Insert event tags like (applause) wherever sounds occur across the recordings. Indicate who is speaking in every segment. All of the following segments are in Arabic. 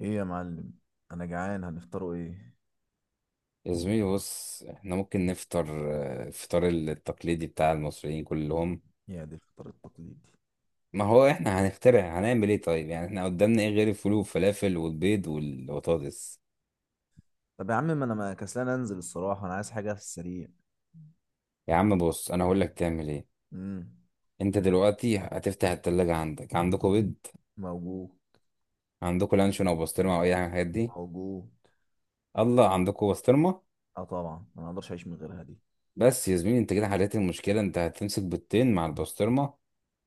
Speaker 1: ايه يا معلم؟ انا جعان، هنفطروا ايه؟
Speaker 2: يا زميلي بص، احنا ممكن نفطر الفطار التقليدي بتاع المصريين كلهم.
Speaker 1: يا دي الفطار التقليدي!
Speaker 2: ما هو احنا هنخترع، هنعمل ايه طيب؟ يعني احنا قدامنا ايه غير الفول والفلافل والبيض والبطاطس؟
Speaker 1: طب يا عم، ما انا ما كسلان انزل الصراحه، انا عايز حاجه في السريع.
Speaker 2: يا عم بص، انا هقول لك تعمل ايه.
Speaker 1: امم.
Speaker 2: انت دلوقتي هتفتح التلاجة، عندكوا بيض؟
Speaker 1: موجود.
Speaker 2: عندكوا لانشون او بسطرمة او اي حاجة من الحاجات دي؟
Speaker 1: موجود.
Speaker 2: الله، عندكوا بسطرمة.
Speaker 1: اه طبعا انا ما اقدرش اعيش من غيرها دي.
Speaker 2: بس يا زميلي انت كده حليت المشكلة. انت هتمسك بيضتين مع البسطرمة،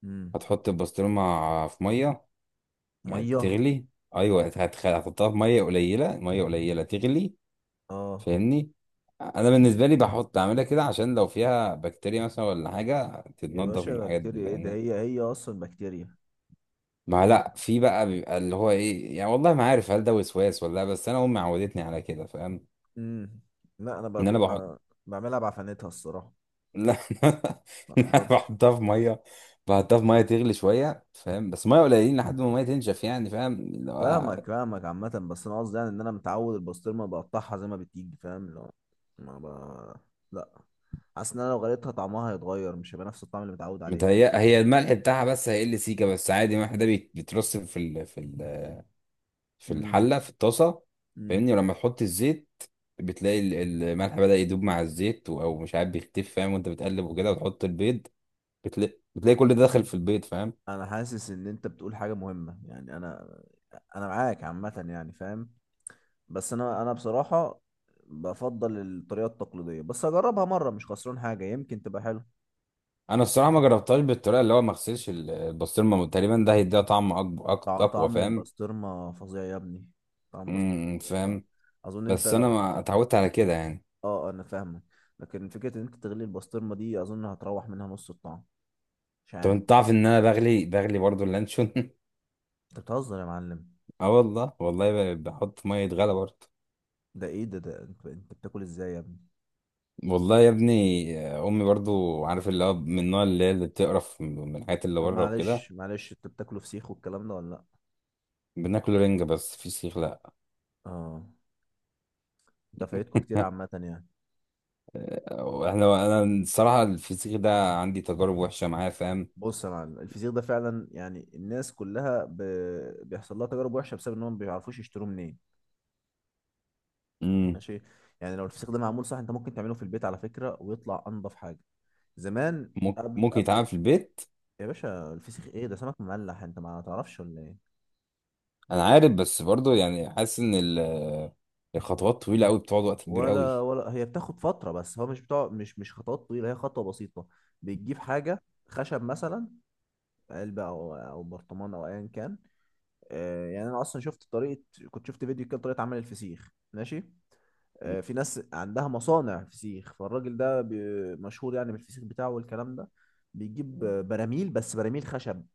Speaker 1: امم.
Speaker 2: هتحط البسطرمة في مية، يعني
Speaker 1: ميه.
Speaker 2: تغلي. ايوه، هتحطها في ميه قليله، ميه قليله تغلي.
Speaker 1: اه.
Speaker 2: فاهمني؟ انا بالنسبه لي بحط، اعملها كده عشان لو فيها بكتيريا مثلا ولا حاجه
Speaker 1: يا
Speaker 2: تتنضف من
Speaker 1: باشا،
Speaker 2: الحاجات دي.
Speaker 1: بكتيريا ايه ده؟
Speaker 2: فاهمني؟
Speaker 1: هي هي اصلا بكتيريا.
Speaker 2: ما لا في بقى بيبقى اللي هو ايه، يعني والله ما عارف هل ده وسواس ولا لا، بس انا امي عودتني على كده. فاهم؟
Speaker 1: امم. لا، انا
Speaker 2: ان انا بحط.
Speaker 1: بعملها بعفنتها الصراحه.
Speaker 2: لا (laughs)
Speaker 1: ما
Speaker 2: إن انا
Speaker 1: اقدرش.
Speaker 2: بحطها في ميه، بحطها في ميه تغلي شويه، فاهم؟ بس ميه قليلين لحد ما الميه تنشف، يعني فاهم؟
Speaker 1: فاهمك فاهمك، عامة بس أنا قصدي يعني إن أنا متعود البسطرمة بقطعها زي ما بتيجي، فاهم اللي هو ما ب... لا. حاسس إن أنا لو غليتها طعمها هيتغير، مش هيبقى نفس الطعم اللي متعود عليه.
Speaker 2: متهيأ هي الملح بتاعها بس هيقل سيكه، بس عادي الملح ده بيترص في
Speaker 1: امم.
Speaker 2: الحله، في الطاسه.
Speaker 1: امم.
Speaker 2: فاهمني؟ ولما تحط الزيت بتلاقي الملح بدأ يدوب مع الزيت، او مش عارف بيختف، فاهم؟ وانت بتقلب وكده وتحط البيض بتلاقي كل ده داخل في البيض، فاهم؟
Speaker 1: أنا حاسس إن أنت بتقول حاجة مهمة، يعني أنا معاك عامة يعني، فاهم. بس أنا بصراحة بفضل الطريقة التقليدية، بس أجربها مرة مش خسران حاجة، يمكن تبقى حلو.
Speaker 2: انا الصراحه ما جربتهاش بالطريقه اللي هو ما اغسلش البسطرمه. تقريبا ده هيديها طعم اقوى،
Speaker 1: طعم
Speaker 2: فاهم؟
Speaker 1: البسطرمة فظيع يا ابني. طعم البسطرمة
Speaker 2: امم،
Speaker 1: فظيع.
Speaker 2: فاهم.
Speaker 1: فأظن أنت
Speaker 2: بس انا
Speaker 1: لو.
Speaker 2: ما اتعودت على كده، يعني.
Speaker 1: اه، انا فاهمك. لكن فكره ان انت تغلي البسطرمه دي اظن هتروح منها نص الطعم. مش
Speaker 2: طب
Speaker 1: عارف.
Speaker 2: انت تعرف ان انا بغلي برضو اللانشون؟
Speaker 1: انت بتهزر يا معلم؟
Speaker 2: (laughs) اه والله، والله، بحط ميه غلا برضو.
Speaker 1: ده ايه ده انت بتاكل ازاي يا ابني؟
Speaker 2: والله يا ابني. امي برضو، عارف، اللي هو من النوع اللي هي اللي بتقرف من الحاجات اللي
Speaker 1: طب
Speaker 2: بره وكده.
Speaker 1: معلش معلش، انت بتاكله فسيخ والكلام ده ولا لا؟
Speaker 2: بناكل رنجة، بس فسيخ لا.
Speaker 1: اه. انت فايتكوا كتير عامه يعني.
Speaker 2: انا الصراحة الفسيخ ده عندي تجارب وحشة معاه، فاهم؟
Speaker 1: بص يا معلم، الفسيخ ده فعلا يعني الناس كلها بيحصل لها تجارب وحشه بسبب انهم ما بيعرفوش يشتروه منين.
Speaker 2: امم.
Speaker 1: ماشي. يعني لو الفسيخ ده معمول صح انت ممكن تعمله في البيت على فكره، ويطلع انضف حاجه. زمان.
Speaker 2: ممكن
Speaker 1: قبل
Speaker 2: ممكن
Speaker 1: قبل.
Speaker 2: يتعمل في البيت.
Speaker 1: يا باشا الفسيخ ايه ده؟ سمك مملح، انت ما تعرفش ولا ايه؟
Speaker 2: انا عارف، بس برضو يعني حاسس ان الخطوات طويلة قوي، بتقعد وقت كبير قوي.
Speaker 1: ولا هي بتاخد فترة، بس هو مش بتاع مش خطوات طويلة، هي خطوة بسيطة. بتجيب حاجة خشب مثلا، علبة أو برطمان أو أيا كان. يعني أنا أصلا شفت طريقة، كنت شفت فيديو كده طريقة عمل الفسيخ، ماشي.
Speaker 2: مم.
Speaker 1: في ناس عندها مصانع فسيخ، فالراجل ده مشهور يعني بالفسيخ بتاعه والكلام ده. بيجيب براميل، بس براميل خشب،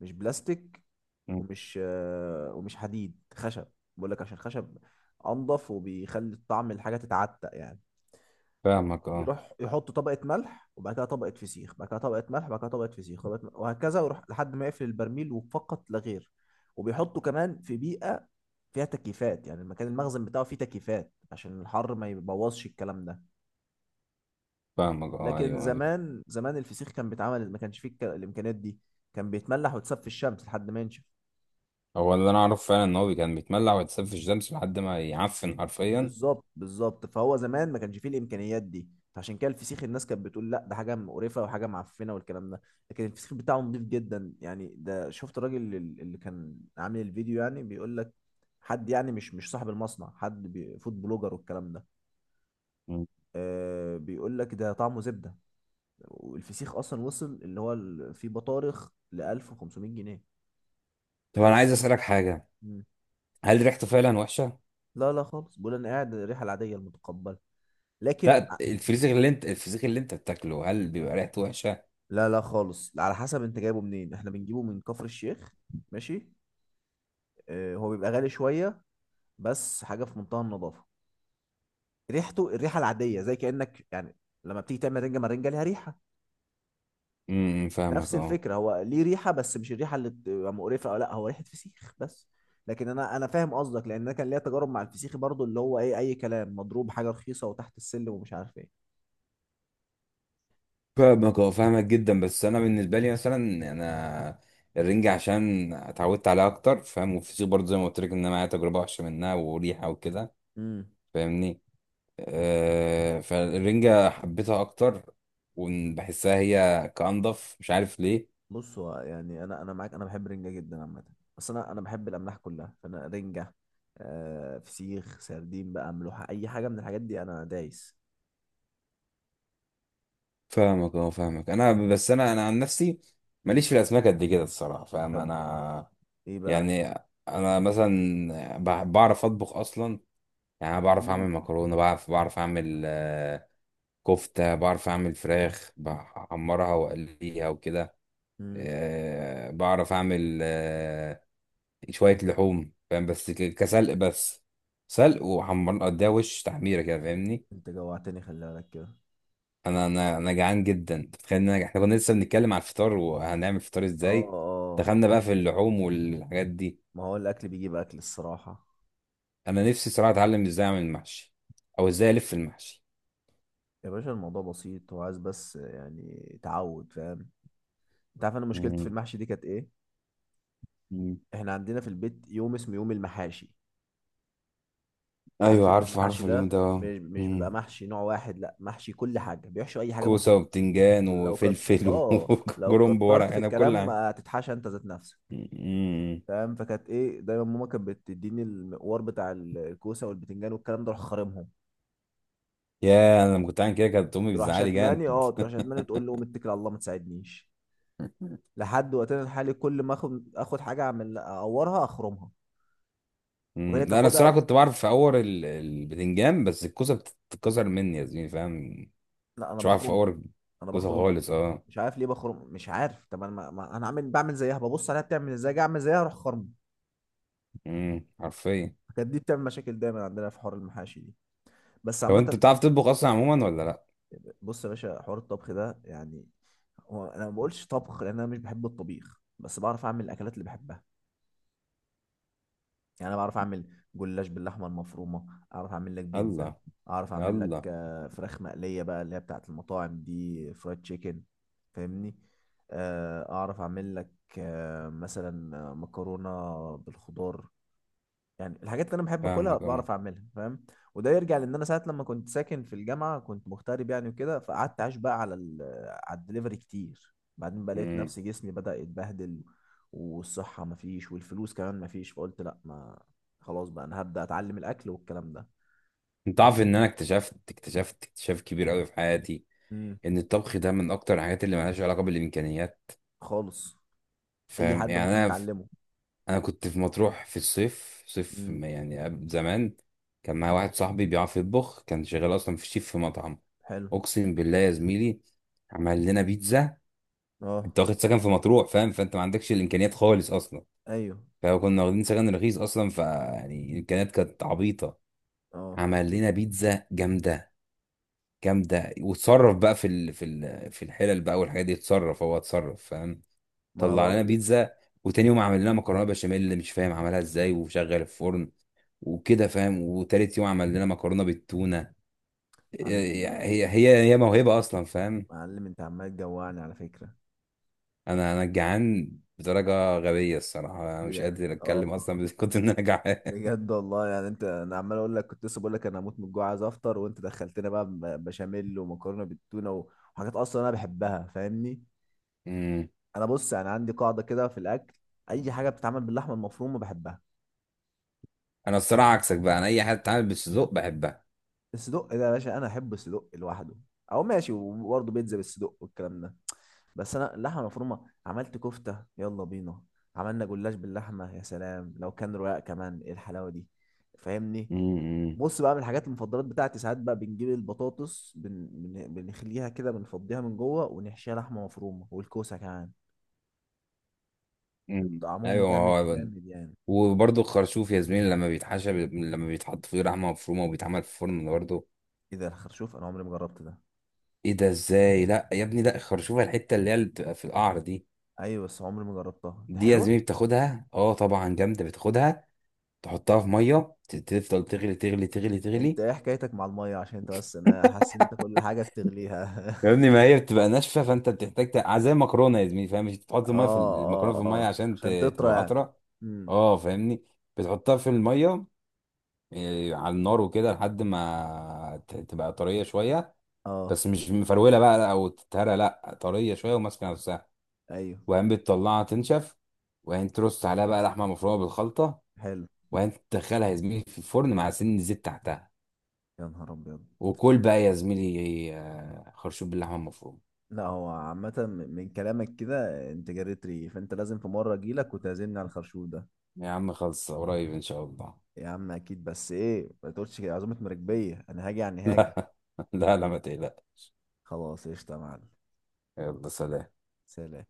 Speaker 1: مش بلاستيك.
Speaker 2: مم.
Speaker 1: ومش ومش حديد، خشب. بقول لك عشان خشب أنضف وبيخلي الطعم الحاجة تتعتق يعني.
Speaker 2: فاهمك، اه.
Speaker 1: بيروح يحط طبقة ملح وبعد كده طبقة فسيخ، بعد كده طبقة ملح، بعد كده طبقة فسيخ، طبقة ملح، وهكذا، ويروح لحد ما يقفل البرميل وفقط لا غير. وبيحطه كمان في بيئة فيها تكييفات، يعني المكان المخزن بتاعه فيه تكييفات عشان الحر ما يبوظش الكلام ده.
Speaker 2: فاهمك، اه،
Speaker 1: لكن
Speaker 2: ايوه، ايوه.
Speaker 1: زمان زمان الفسيخ كان بيتعمل ما كانش فيه الإمكانيات دي، كان بيتملح ويتساب في الشمس لحد ما ينشف.
Speaker 2: هو اللي انا اعرفه فعلا ان هو كان بيتملع ويتساب في الشمس لحد ما يعفن حرفيا.
Speaker 1: بالظبط بالظبط، فهو زمان ما كانش فيه الامكانيات دي، فعشان كده الفسيخ الناس كانت بتقول لا ده حاجه مقرفه وحاجه معفنه والكلام ده. لكن الفسيخ بتاعه نضيف جدا يعني، ده شفت الراجل اللي كان عامل الفيديو، يعني بيقول لك حد يعني مش صاحب المصنع، حد فود بلوجر والكلام ده.
Speaker 2: مم.
Speaker 1: بيقول لك ده طعمه زبده. والفسيخ اصلا وصل اللي هو في بطارخ ل 1500 جنيه،
Speaker 2: طب
Speaker 1: تخيل
Speaker 2: انا عايز
Speaker 1: السعر.
Speaker 2: اسالك حاجة،
Speaker 1: مم.
Speaker 2: هل ريحته فعلا وحشه؟
Speaker 1: لا لا خالص، بيقول انا قاعد الريحه العاديه المتقبله. لكن.
Speaker 2: لا، الفسيخ اللي انت بتاكله، هل بيبقى ريحته وحشه؟
Speaker 1: لا لا خالص، على حسب انت جايبه منين، احنا بنجيبه من كفر الشيخ. ماشي. اه، هو بيبقى غالي شوية، بس حاجة في منتهى النظافة. ريحته الريحة العادية زي كأنك يعني لما بتيجي تعمل رنجة، مرنجة ليها ريحة.
Speaker 2: امم، فاهمك،
Speaker 1: نفس
Speaker 2: اه.
Speaker 1: الفكرة، هو ليه ريحة بس مش الريحة اللي بتبقى مقرفة او لا، هو ريحة فسيخ بس. لكن انا فاهم قصدك، لان انا كان ليا تجارب مع الفسيخ برضو، اللي هو ايه اي كلام مضروب، حاجة رخيصة وتحت السلم ومش عارف ايه.
Speaker 2: فاهمك، اه، فاهمك جدا. بس انا بالنسبه لي مثلا، انا الرنجة عشان اتعودت عليها اكتر، فاهم؟ والفسيخ برضه زي ما قلت لك، ان انا معايا تجربه وحشه منها، وريحه وكده.
Speaker 1: امم.
Speaker 2: فاهمني؟ أه، فالرنجة حبيتها اكتر، وبحسها هي كأنضف، مش عارف ليه.
Speaker 1: بص هو يعني انا معاك، انا بحب رنجه جدا عامه. بس انا بحب الاملاح كلها، فانا رنجه، فسيخ، سردين بقى، ملوحه، اي حاجه من الحاجات دي انا دايس.
Speaker 2: فاهمك، اه. فاهمك، انا بس انا عن نفسي،
Speaker 1: مم.
Speaker 2: ماليش في الاسماك قد كده الصراحه. فاهم؟
Speaker 1: طب
Speaker 2: انا
Speaker 1: ايه بقى؟
Speaker 2: يعني، انا مثلا بعرف اطبخ اصلا. يعني أنا بعرف اعمل
Speaker 1: مم.
Speaker 2: مكرونه، بعرف اعمل كفته، بعرف اعمل فراخ بحمرها واقليها وكده.
Speaker 1: مم.
Speaker 2: بعرف اعمل شويه لحوم، فاهم؟ بس كسلق بس، سلق وحمر اديها وش تحميره كده. فاهمني؟
Speaker 1: انت جوعتني خلي بالك كده.
Speaker 2: انا جعان جدا، تخيل احنا كنا لسه بنتكلم على الفطار وهنعمل فطار
Speaker 1: اه،
Speaker 2: ازاي،
Speaker 1: اه.
Speaker 2: دخلنا بقى في اللحوم والحاجات دي.
Speaker 1: ما هو الاكل بيجيب اكل الصراحه.
Speaker 2: انا نفسي صراحه اتعلم ازاي اعمل المحشي، او ازاي الف المحشي.
Speaker 1: يا باشا الموضوع بسيط، هو عايز بس يعني تعود فاهم. انت عارف انا مشكلتي في
Speaker 2: مم.
Speaker 1: المحشي دي كانت ايه؟
Speaker 2: مم.
Speaker 1: احنا عندنا في البيت يوم اسمه يوم المحاشي. عارف
Speaker 2: ايوه
Speaker 1: يوم
Speaker 2: عارف، عارف
Speaker 1: المحاشي
Speaker 2: اليوم ده.
Speaker 1: ده؟
Speaker 2: آه.
Speaker 1: مش بيبقى
Speaker 2: مم.
Speaker 1: محشي نوع واحد، لا، محشي كل حاجه، بيحشوا اي حاجه
Speaker 2: كوسه
Speaker 1: ممكن
Speaker 2: وبتنجان
Speaker 1: لو كت
Speaker 2: وفلفل
Speaker 1: اه
Speaker 2: (laughs)
Speaker 1: لو
Speaker 2: وكرنب
Speaker 1: كترت
Speaker 2: ورق
Speaker 1: في
Speaker 2: عنب، كل
Speaker 1: الكلام
Speaker 2: حاجه.
Speaker 1: هتتحشى انت ذات نفسك.
Speaker 2: مم.
Speaker 1: فاهم؟ فكانت ايه دايما، ماما كانت بتديني المقوار بتاع الكوسه والبتنجان والكلام ده اروح خارمهم،
Speaker 2: يا انا لما كنت عامل كده كانت امي
Speaker 1: تروح
Speaker 2: بتزعلي
Speaker 1: شتماني،
Speaker 2: جامد.
Speaker 1: اه، تروح شتماني تقول له متكل على الله ما تساعدنيش. لحد وقتنا الحالي كل ما اخد، اخد حاجه اعمل، اقورها، اخرمها
Speaker 2: مم.
Speaker 1: وهي
Speaker 2: لا انا
Speaker 1: تاخدها.
Speaker 2: الصراحه كنت بعرف في اور البتنجان، بس الكوسه بتتكسر مني يا زميلي، فاهم؟
Speaker 1: لا انا
Speaker 2: مش بعرف في
Speaker 1: بخرمه،
Speaker 2: اور
Speaker 1: انا
Speaker 2: الكوسه
Speaker 1: بخرمه،
Speaker 2: خالص، اه.
Speaker 1: مش عارف ليه بخرم، مش عارف. طب انا ما... ما... انا عامل بعمل زيها، ببص عليها بتعمل ازاي، اجي اعمل زيها اروح خرم.
Speaker 2: مم. حرفيا.
Speaker 1: كانت دي بتعمل مشاكل دايما عندنا في حوار المحاشي دي. بس
Speaker 2: طب
Speaker 1: عامة،
Speaker 2: انت بتعرف تطبخ اصلا عموما ولا لا؟
Speaker 1: بص يا باشا، حوار الطبخ ده يعني هو انا ما بقولش طبخ لان انا مش بحب الطبيخ، بس بعرف اعمل الاكلات اللي بحبها. يعني انا بعرف اعمل جلاش باللحمه المفرومه، اعرف اعمل لك بيتزا،
Speaker 2: الله،
Speaker 1: اعرف اعمل لك
Speaker 2: الله.
Speaker 1: فراخ مقليه بقى اللي هي بتاعت المطاعم دي، فرايد تشيكن، فاهمني. اعرف اعمل لك مثلا مكرونه بالخضار. يعني الحاجات اللي انا بحب اكلها
Speaker 2: فاهمك، اه.
Speaker 1: بعرف اعملها، فاهم؟ وده يرجع لان انا ساعه لما كنت ساكن في الجامعه كنت مغترب يعني وكده، فقعدت عايش بقى على على الدليفري كتير. بعدين بقى لقيت نفسي جسمي بدأ يتبهدل، والصحه مفيش والفلوس كمان مفيش، فقلت لا ما. خلاص بقى انا هبدأ اتعلم الاكل والكلام ده.
Speaker 2: انت عارف ان انا اكتشفت اكتشاف كبير قوي في حياتي،
Speaker 1: امم.
Speaker 2: ان الطبخ ده من اكتر الحاجات اللي ملهاش علاقه بالامكانيات.
Speaker 1: خالص. اي
Speaker 2: فاهم؟
Speaker 1: حد
Speaker 2: يعني
Speaker 1: ممكن
Speaker 2: انا
Speaker 1: يتعلمه.
Speaker 2: انا كنت في مطروح في الصيف، صيف
Speaker 1: امم.
Speaker 2: ما يعني قبل زمان. كان معايا واحد صاحبي بيعرف يطبخ، كان شغال اصلا في الشيف، في مطعم.
Speaker 1: حلو.
Speaker 2: اقسم بالله يا زميلي، عمل لنا بيتزا.
Speaker 1: اه
Speaker 2: انت واخد سكن في مطروح، فاهم؟ فانت ما عندكش الامكانيات خالص اصلا،
Speaker 1: ايوه.
Speaker 2: فكنا واخدين سكن رخيص اصلا، فيعني الامكانيات كانت عبيطه.
Speaker 1: اه،
Speaker 2: عمل لنا بيتزا جامده، جامده. وتصرف بقى في الحلل بقى والحاجات دي، اتصرف هو اتصرف، فاهم؟
Speaker 1: ما انا
Speaker 2: طلع لنا
Speaker 1: بقول لك.
Speaker 2: بيتزا. وتاني يوم عمل لنا مكرونه بشاميل، اللي مش فاهم عملها ازاي، وشغل الفرن وكده، فاهم؟ وتالت يوم عمل لنا مكرونه بالتونه.
Speaker 1: معلم
Speaker 2: هي موهبه اصلا، فاهم؟
Speaker 1: معلم، انت عمال تجوعني على فكره.
Speaker 2: انا جعان بدرجه غبيه الصراحه، انا مش
Speaker 1: بجد.
Speaker 2: قادر
Speaker 1: اه.
Speaker 2: اتكلم اصلا، بس كنت ان انا جعان.
Speaker 1: بجد والله يعني، انت انا عمال اقول لك كنت لسه بقول لك انا هموت من الجوع عايز افطر، وانت دخلتنا بقى بشاميل ومكرونه بالتونه وحاجات اصلا انا بحبها، فاهمني.
Speaker 2: أمم.
Speaker 1: انا بص يعني عندي قاعده كده في الاكل، اي حاجه بتتعمل باللحمه المفرومه بحبها.
Speaker 2: انا الصراحه عكسك بقى، انا اي حاجه بتتعمل بالسجق بحبها.
Speaker 1: الصدق ده يا باشا، انا احب الصدق لوحده او ماشي، وبرضه بيتزا بالصدق والكلام ده. بس انا اللحمه المفرومه عملت كفته يلا بينا، عملنا جلاش باللحمه يا سلام، لو كان رقاق كمان ايه الحلاوه دي. فاهمني.
Speaker 2: أمم.
Speaker 1: بص بقى، من الحاجات المفضلات بتاعتي ساعات بقى بنجيب البطاطس، بنخليها كده، بنفضيها من جوه ونحشيها لحمه مفرومه، والكوسه كمان.
Speaker 2: أمم.
Speaker 1: طعمهم
Speaker 2: ايوه، ما
Speaker 1: جامد جامد يعني.
Speaker 2: هو. وبرضه الخرشوف يا زميلي، لما بيتحشى لما بيتحط فيه لحمه مفرومه وبيتعمل في الفرن برضه.
Speaker 1: ايه ده الخرشوف؟ انا عمري ما جربت ده.
Speaker 2: ايه ده؟ ازاي؟ لا يا ابني، لا، الخرشوفه، الحته اللي هي اللي بتبقى في القعر دي.
Speaker 1: ايوه بس عمري ما جربتها، ده
Speaker 2: دي يا زميلي
Speaker 1: حلوه.
Speaker 2: بتاخدها، اه طبعا جامده. بتاخدها تحطها في ميه، تفضل تغلي، تغلي، تغلي،
Speaker 1: انت
Speaker 2: تغلي.
Speaker 1: ايه حكايتك مع الميه؟ عشان انت بس، انا حاسس ان انت كل حاجه بتغليها.
Speaker 2: يا ابني ما هي بتبقى ناشفه، فانت بتحتاج زي المكرونه يا زميلي، فاهم؟ مش بتحط
Speaker 1: (laughs)
Speaker 2: الميه في
Speaker 1: اه.
Speaker 2: المكرونه في
Speaker 1: اه
Speaker 2: الميه
Speaker 1: اه،
Speaker 2: عشان
Speaker 1: عشان تطرى
Speaker 2: تبقى
Speaker 1: يعني.
Speaker 2: اطرى.
Speaker 1: امم.
Speaker 2: اه، فاهمني؟ بتحطها في الميه، على النار وكده لحد ما تبقى طريه شويه.
Speaker 1: اه
Speaker 2: بس مش مفروله بقى او تتهرى، لا، طريه شويه وماسكه نفسها.
Speaker 1: ايوه.
Speaker 2: وبعدين بتطلعها تنشف. وبعدين ترص عليها بقى لحمه مفرومه بالخلطه.
Speaker 1: حلو.
Speaker 2: وبعدين تدخلها يا زميلي في الفرن مع سن زيت تحتها.
Speaker 1: يا نهار ابيض!
Speaker 2: وكل بقى يا زميلي خرشوف باللحمه المفرومه.
Speaker 1: لا هو عامة من كلامك كده انت جريت ريقي، فانت لازم في مرة اجيلك وتعزمني على الخرشوف ده.
Speaker 2: يا عم خلص، قريب ان شاء الله.
Speaker 1: يا عم اكيد، بس ايه ما تقولش كده عزومه مراكبيه، انا هاجي يعني
Speaker 2: (laughs)
Speaker 1: هاجي.
Speaker 2: لا، لا، لا، ما تقلقش.
Speaker 1: خلاص قشطه يا معلم.
Speaker 2: يلا سلام.
Speaker 1: سلام.